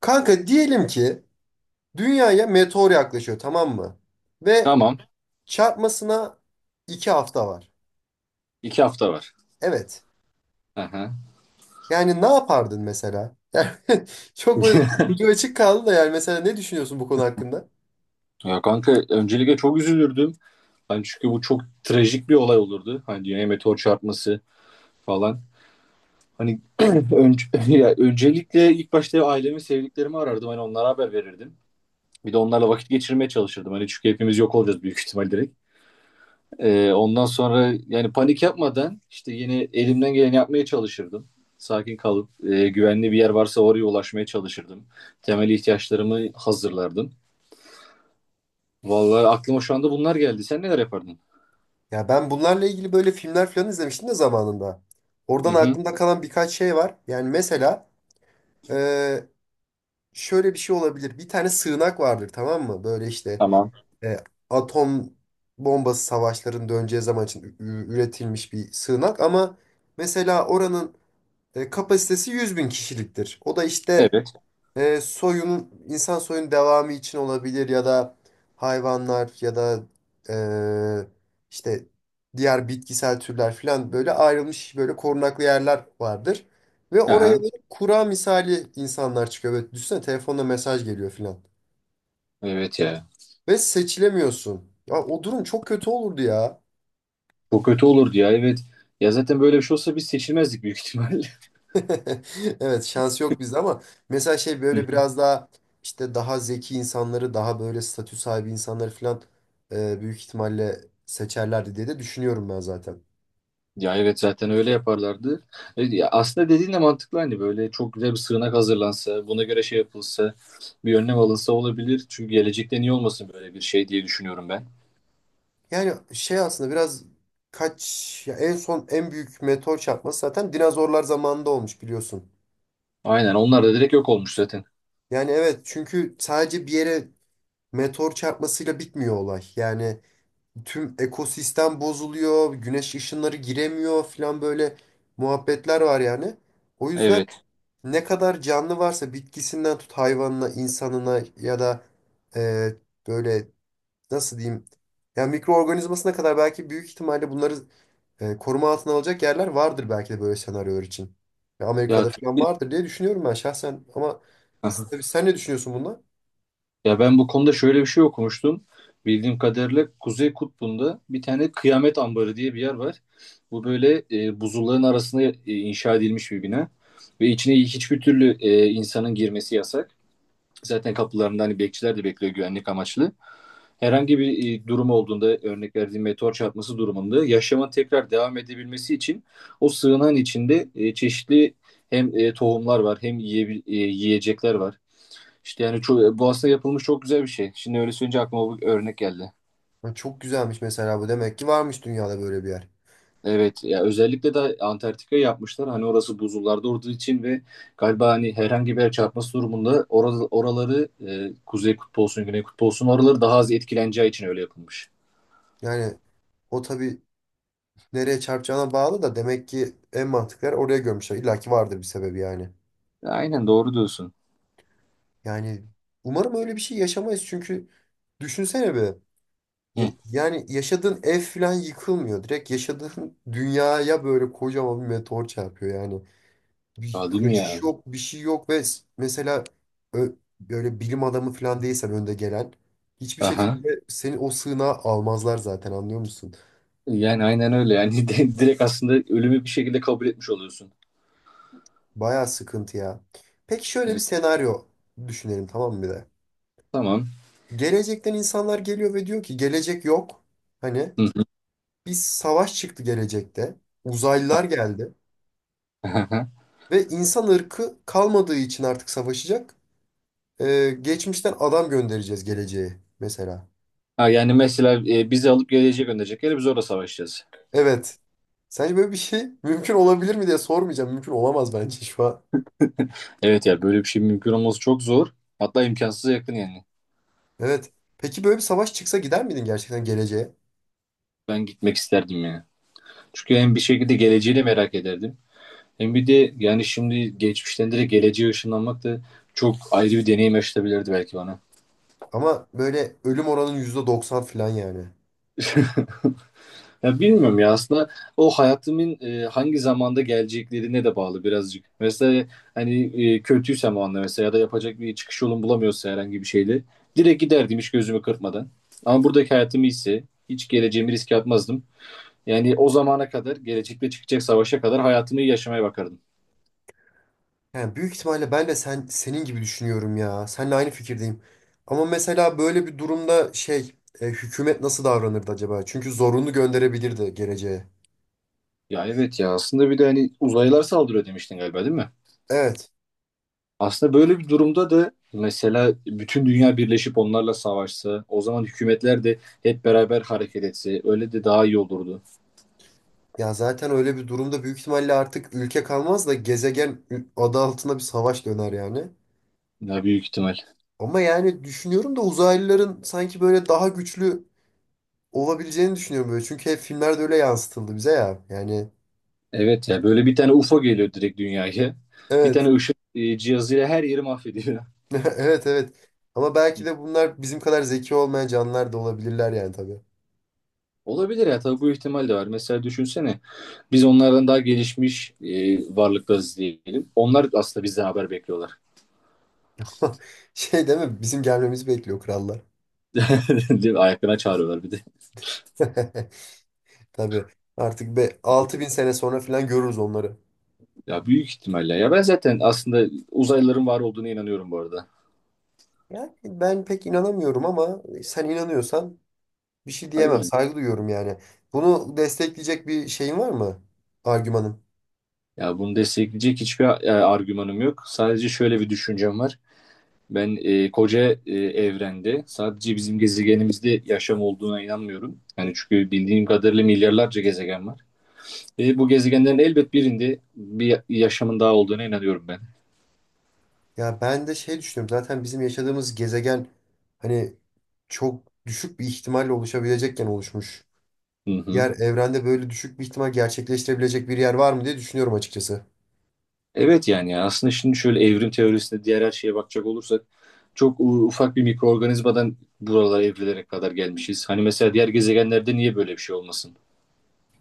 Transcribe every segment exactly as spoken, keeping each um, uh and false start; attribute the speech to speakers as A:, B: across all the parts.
A: Kanka diyelim ki dünyaya meteor yaklaşıyor, tamam mı? Ve
B: Tamam.
A: çarpmasına iki hafta var.
B: İki hafta var.
A: Evet.
B: Hı hı.
A: Yani ne yapardın mesela? Yani çok böyle ucu açık kaldı da, yani mesela ne düşünüyorsun bu konu hakkında?
B: Ya kanka öncelikle çok üzülürdüm. Hani çünkü bu çok trajik bir olay olurdu. Hani dünyaya meteor çarpması falan. Hani önce, ya öncelikle ilk başta ailemi, sevdiklerimi arardım. Hani onlara haber verirdim. Bir de onlarla vakit geçirmeye çalışırdım. Hani çünkü hepimiz yok olacağız büyük ihtimal direkt. Ee, ondan sonra yani panik yapmadan işte yine elimden geleni yapmaya çalışırdım. Sakin kalıp e, güvenli bir yer varsa oraya ulaşmaya çalışırdım. Temel ihtiyaçlarımı hazırlardım. Vallahi aklıma şu anda bunlar geldi. Sen neler yapardın?
A: Ya ben bunlarla ilgili böyle filmler falan izlemiştim de zamanında.
B: Hı
A: Oradan
B: hı.
A: aklımda kalan birkaç şey var. Yani mesela e, şöyle bir şey olabilir. Bir tane sığınak vardır, tamam mı? Böyle işte
B: Tamam.
A: e, atom bombası savaşlarının döneceği zaman için ü- ü- üretilmiş bir sığınak ama mesela oranın e, kapasitesi yüz bin kişiliktir. O da işte
B: Evet.
A: e, soyun, insan soyunun devamı için olabilir ya da hayvanlar ya da e, işte diğer bitkisel türler falan böyle ayrılmış, böyle korunaklı yerler vardır. Ve oraya
B: Aha.
A: böyle kura misali insanlar çıkıyor. Böyle düşünsene, telefonla mesaj geliyor falan.
B: Evet ya.
A: Ve seçilemiyorsun. Ya, o durum çok kötü olurdu ya.
B: Bu kötü olurdu ya. Evet. Ya zaten böyle bir şey olsa biz seçilmezdik büyük ihtimalle.
A: Evet, şans yok bizde ama mesela şey
B: Hı
A: böyle
B: hı.
A: biraz daha işte daha zeki insanları, daha böyle statü sahibi insanları falan e, büyük ihtimalle seçerlerdi diye de düşünüyorum ben zaten.
B: Ya evet zaten öyle yaparlardı. E, ya aslında dediğin de mantıklı hani böyle çok güzel bir sığınak hazırlansa, buna göre şey yapılsa, bir önlem alınsa olabilir. Çünkü gelecekte niye olmasın böyle bir şey diye düşünüyorum ben.
A: Yani şey aslında biraz kaç ya, en son en büyük meteor çarpması zaten dinozorlar zamanında olmuş, biliyorsun.
B: Aynen onlar da direkt yok olmuş zaten.
A: Yani evet, çünkü sadece bir yere meteor çarpmasıyla bitmiyor olay. Yani tüm ekosistem bozuluyor, güneş ışınları giremiyor falan, böyle muhabbetler var yani. O yüzden
B: Evet.
A: ne kadar canlı varsa, bitkisinden tut hayvanına, insanına ya da e, böyle, nasıl diyeyim, ya mikroorganizmasına kadar, belki büyük ihtimalle bunları e, koruma altına alacak yerler vardır belki de, böyle senaryolar için. Ya
B: Ya.
A: Amerika'da falan vardır diye düşünüyorum ben şahsen ama s- tabii, sen ne düşünüyorsun bundan?
B: Ya ben bu konuda şöyle bir şey okumuştum. Bildiğim kadarıyla Kuzey Kutbu'nda bir tane Kıyamet Ambarı diye bir yer var. Bu böyle e, buzulların arasına e, inşa edilmiş bir bina. Ve içine hiçbir türlü e, insanın girmesi yasak. Zaten kapılarında hani bekçiler de bekliyor güvenlik amaçlı. Herhangi bir e, durum olduğunda örnek verdiğim meteor çarpması durumunda yaşamın tekrar devam edebilmesi için o sığınağın içinde e, çeşitli hem e, tohumlar var hem yiye e, yiyecekler var. İşte yani çok, Boğaz'da yapılmış çok güzel bir şey. Şimdi öyle söyleyince aklıma bir örnek geldi.
A: Ha, çok güzelmiş mesela, bu demek ki varmış dünyada böyle bir yer.
B: Evet ya özellikle de Antarktika yapmışlar. Hani orası buzullarda olduğu için ve galiba hani herhangi bir yer çarpması durumunda orada, oraları e, kuzey kutbu olsun, güney kutbu olsun oraları daha az etkileneceği için öyle yapılmış.
A: Yani o tabii nereye çarpacağına bağlı da, demek ki en mantıklar oraya görmüşler. İlla ki vardır bir sebebi yani.
B: Aynen doğru diyorsun.
A: Yani umarım öyle bir şey yaşamayız çünkü düşünsene be. Ya-
B: Hı.
A: Yani yaşadığın ev falan yıkılmıyor. Direkt yaşadığın dünyaya böyle kocaman bir meteor çarpıyor yani. Bir
B: Aa, değil mi
A: kaçış
B: ya?
A: yok, bir şey yok ve s- mesela ö- böyle bilim adamı falan değilsen, önde gelen, hiçbir
B: Aha.
A: şekilde seni o sığınağa almazlar zaten, anlıyor musun?
B: Yani aynen öyle. Yani di- direkt aslında ölümü bir şekilde kabul etmiş oluyorsun.
A: Bayağı sıkıntı ya. Peki şöyle bir
B: Evet,
A: senaryo düşünelim tamam mı, bir de?
B: tamam.
A: Gelecekten insanlar geliyor ve diyor ki gelecek yok. Hani
B: Hı hı.
A: bir savaş çıktı gelecekte. Uzaylılar geldi. Ve insan ırkı kalmadığı için artık savaşacak. Ee, geçmişten adam göndereceğiz geleceğe mesela.
B: Ha, yani mesela e, bizi alıp geleceğe gönderecekler. Biz orada savaşacağız.
A: Evet. Sence böyle bir şey mümkün olabilir mi diye sormayacağım. Mümkün olamaz bence şu an.
B: Evet ya böyle bir şey mümkün olması çok zor. Hatta imkansıza yakın yani.
A: Evet. Peki böyle bir savaş çıksa gider miydin gerçekten geleceğe?
B: Ben gitmek isterdim yani. Çünkü hem bir şekilde geleceğini merak ederdim. Hem bir de yani şimdi geçmişten direkt geleceğe ışınlanmak da çok ayrı bir deneyim yaşatabilirdi belki bana.
A: Ama böyle ölüm oranın yüzde doksan falan yani.
B: Ya bilmiyorum ya aslında o hayatımın e, hangi zamanda geleceklerine de bağlı birazcık. Mesela hani e, kötüysem o anda mesela ya da yapacak bir çıkış yolum bulamıyorsa herhangi bir şeyle direkt giderdim hiç gözümü kırpmadan. Ama buradaki hayatım iyiyse hiç geleceğimi riske atmazdım. Yani o zamana kadar, gelecekte çıkacak savaşa kadar hayatımı iyi yaşamaya bakardım.
A: Yani büyük ihtimalle ben de sen senin gibi düşünüyorum ya. Seninle aynı fikirdeyim. Ama mesela böyle bir durumda şey e, hükümet nasıl davranırdı acaba? Çünkü zorunlu gönderebilirdi geleceğe.
B: Ya evet ya aslında bir de hani uzaylılar saldırıyor demiştin galiba değil mi?
A: Evet.
B: Aslında böyle bir durumda da mesela bütün dünya birleşip onlarla savaşsa, o zaman hükümetler de hep beraber hareket etse öyle de daha iyi olurdu.
A: Ya zaten öyle bir durumda büyük ihtimalle artık ülke kalmaz da gezegen adı altında bir savaş döner yani.
B: Ya büyük ihtimal.
A: Ama yani düşünüyorum da uzaylıların sanki böyle daha güçlü olabileceğini düşünüyorum böyle. Çünkü hep filmlerde öyle yansıtıldı bize ya. Yani
B: Evet ya böyle bir tane UFO geliyor direkt dünyaya. Bir
A: evet.
B: tane ışık e, cihazıyla her yeri mahvediyor.
A: Evet, evet. Ama belki de bunlar bizim kadar zeki olmayan canlılar da olabilirler yani, tabii.
B: Olabilir ya tabii bu ihtimal de var. Mesela düşünsene biz onlardan daha gelişmiş e, varlıklarız diyelim. Onlar aslında bizden haber bekliyorlar.
A: Şey değil mi? Bizim gelmemizi bekliyor krallar.
B: Değil mi? Ayaklarına çağırıyorlar bir de.
A: Tabii. Artık be altı bin sene sonra falan görürüz onları.
B: Ya büyük ihtimalle ya ben zaten aslında uzaylıların var olduğuna inanıyorum bu arada.
A: Yani ben pek inanamıyorum ama sen inanıyorsan bir şey
B: Saygı
A: diyemem.
B: duyuyorum.
A: Saygı duyuyorum yani. Bunu destekleyecek bir şeyin var mı? Argümanın.
B: Ya bunu destekleyecek hiçbir e, argümanım yok. Sadece şöyle bir düşüncem var. Ben e, koca e, evrende sadece bizim gezegenimizde yaşam olduğuna inanmıyorum. Yani çünkü bildiğim kadarıyla milyarlarca gezegen var. Ve bu gezegenlerin elbet birinde bir yaşamın daha olduğuna inanıyorum ben.
A: Ya ben de şey düşünüyorum. Zaten bizim yaşadığımız gezegen hani çok düşük bir ihtimalle oluşabilecekken oluşmuş.
B: Hı hı.
A: Yer evrende böyle düşük bir ihtimal gerçekleştirebilecek bir yer var mı diye düşünüyorum açıkçası.
B: Evet yani ya, aslında şimdi şöyle evrim teorisine diğer her şeye bakacak olursak çok u- ufak bir mikroorganizmadan buralara evrilere kadar gelmişiz. Hani mesela diğer gezegenlerde niye böyle bir şey olmasın?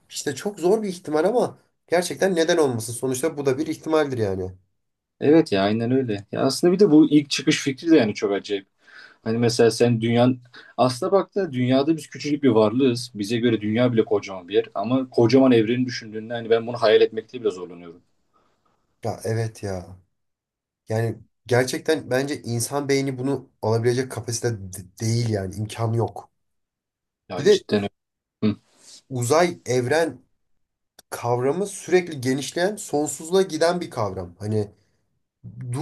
A: İşte çok zor bir ihtimal ama gerçekten neden olmasın? Sonuçta bu da bir ihtimaldir yani.
B: Evet ya aynen öyle. Ya aslında bir de bu ilk çıkış fikri de yani çok acayip. Hani mesela sen dünyanın aslına baktığında dünyada biz küçücük bir varlığız. Bize göre dünya bile kocaman bir yer ama kocaman evreni düşündüğünde hani ben bunu hayal etmekte bile zorlanıyorum.
A: Ya evet ya. Yani gerçekten bence insan beyni bunu alabilecek kapasite de- değil, yani imkanı yok. Bir
B: Ya
A: de
B: cidden.
A: uzay, evren kavramı sürekli genişleyen, sonsuzluğa giden bir kavram. Hani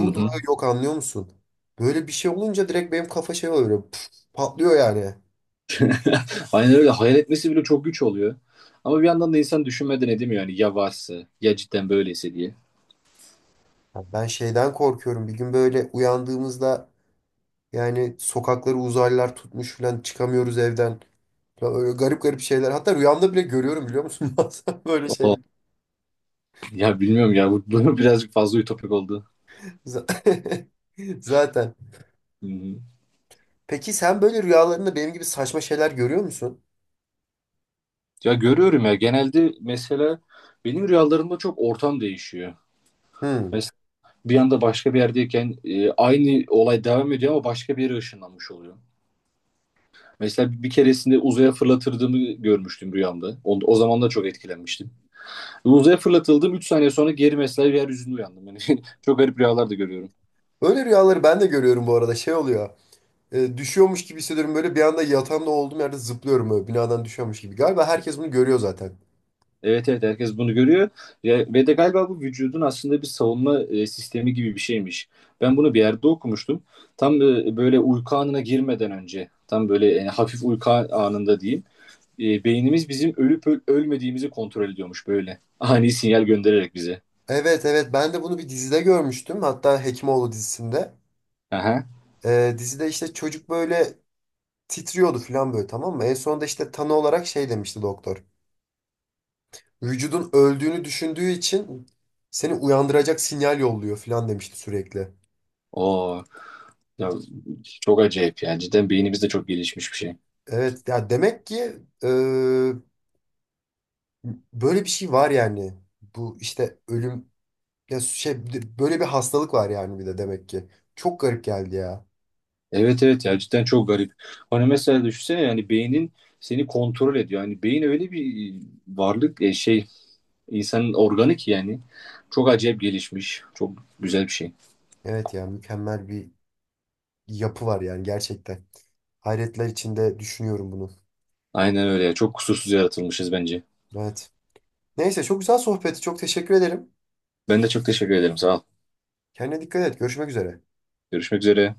B: Hı hı.
A: durağı yok, anlıyor musun? Böyle bir şey olunca direkt benim kafa şey oluyor. Püf, patlıyor yani.
B: Aynen öyle. Hayal etmesi bile çok güç oluyor. Ama bir yandan da insan düşünmeden edemiyor yani ya varsa ya cidden böyleyse diye.
A: Ya, ben şeyden korkuyorum. Bir gün böyle uyandığımızda, yani sokakları uzaylılar tutmuş falan, çıkamıyoruz evden. Falan öyle garip garip şeyler. Hatta rüyamda bile görüyorum, biliyor musun? Bazen böyle şeyler.
B: O ya bilmiyorum ya bu, bu birazcık fazla ütopik oldu.
A: Z- Zaten.
B: Hı hı.
A: Peki sen böyle rüyalarında benim gibi saçma şeyler görüyor musun?
B: Ya görüyorum ya genelde mesela benim rüyalarımda çok ortam değişiyor.
A: Hmm.
B: Mesela bir anda başka bir yerdeyken e, aynı olay devam ediyor ama başka bir yere ışınlanmış oluyor. Mesela bir keresinde uzaya fırlatırdığımı görmüştüm rüyamda. O, o zaman da çok etkilenmiştim. Uzaya fırlatıldım. Üç saniye sonra geri mesela yeryüzünde uyandım. Yani çok garip rüyalar da görüyorum.
A: Öyle rüyaları ben de görüyorum bu arada. Şey oluyor. E, düşüyormuş gibi hissediyorum. Böyle bir anda yatağımda olduğum yerde zıplıyorum, böyle binadan düşüyormuş gibi. Galiba herkes bunu görüyor zaten.
B: Evet evet herkes bunu görüyor. Ya, ve de galiba bu vücudun aslında bir savunma e, sistemi gibi bir şeymiş. Ben bunu bir yerde okumuştum. Tam e, böyle uyku anına girmeden önce, tam böyle yani hafif uyku anında diyeyim. E, beynimiz bizim ölüp öl- ölmediğimizi kontrol ediyormuş böyle. Ani sinyal göndererek bize.
A: Evet, evet, ben de bunu bir dizide görmüştüm. Hatta Hekimoğlu dizisinde.
B: Aha.
A: Ee, dizide işte çocuk böyle titriyordu falan, böyle tamam mı? En sonunda işte tanı olarak şey demişti doktor. Vücudun öldüğünü düşündüğü için seni uyandıracak sinyal yolluyor falan demişti sürekli.
B: Oo. Ya, çok acayip yani. Cidden beynimiz de çok gelişmiş bir şey.
A: Evet ya, demek ki e, böyle bir şey var yani. Bu işte ölüm ya şey, böyle bir hastalık var yani bir de demek ki. Çok garip geldi ya.
B: Evet evet ya cidden çok garip. Hani mesela düşünsene yani beynin seni kontrol ediyor. Yani beyin öyle bir varlık e, şey insanın organı ki yani çok acayip gelişmiş. Çok güzel bir şey.
A: Evet ya, mükemmel bir yapı var yani gerçekten. Hayretler içinde düşünüyorum bunu.
B: Aynen öyle ya. Çok kusursuz yaratılmışız bence.
A: Evet. Neyse çok güzel sohbeti. Çok teşekkür ederim.
B: Ben de çok teşekkür ederim. Sağ ol.
A: Kendine dikkat et. Görüşmek üzere.
B: Görüşmek üzere.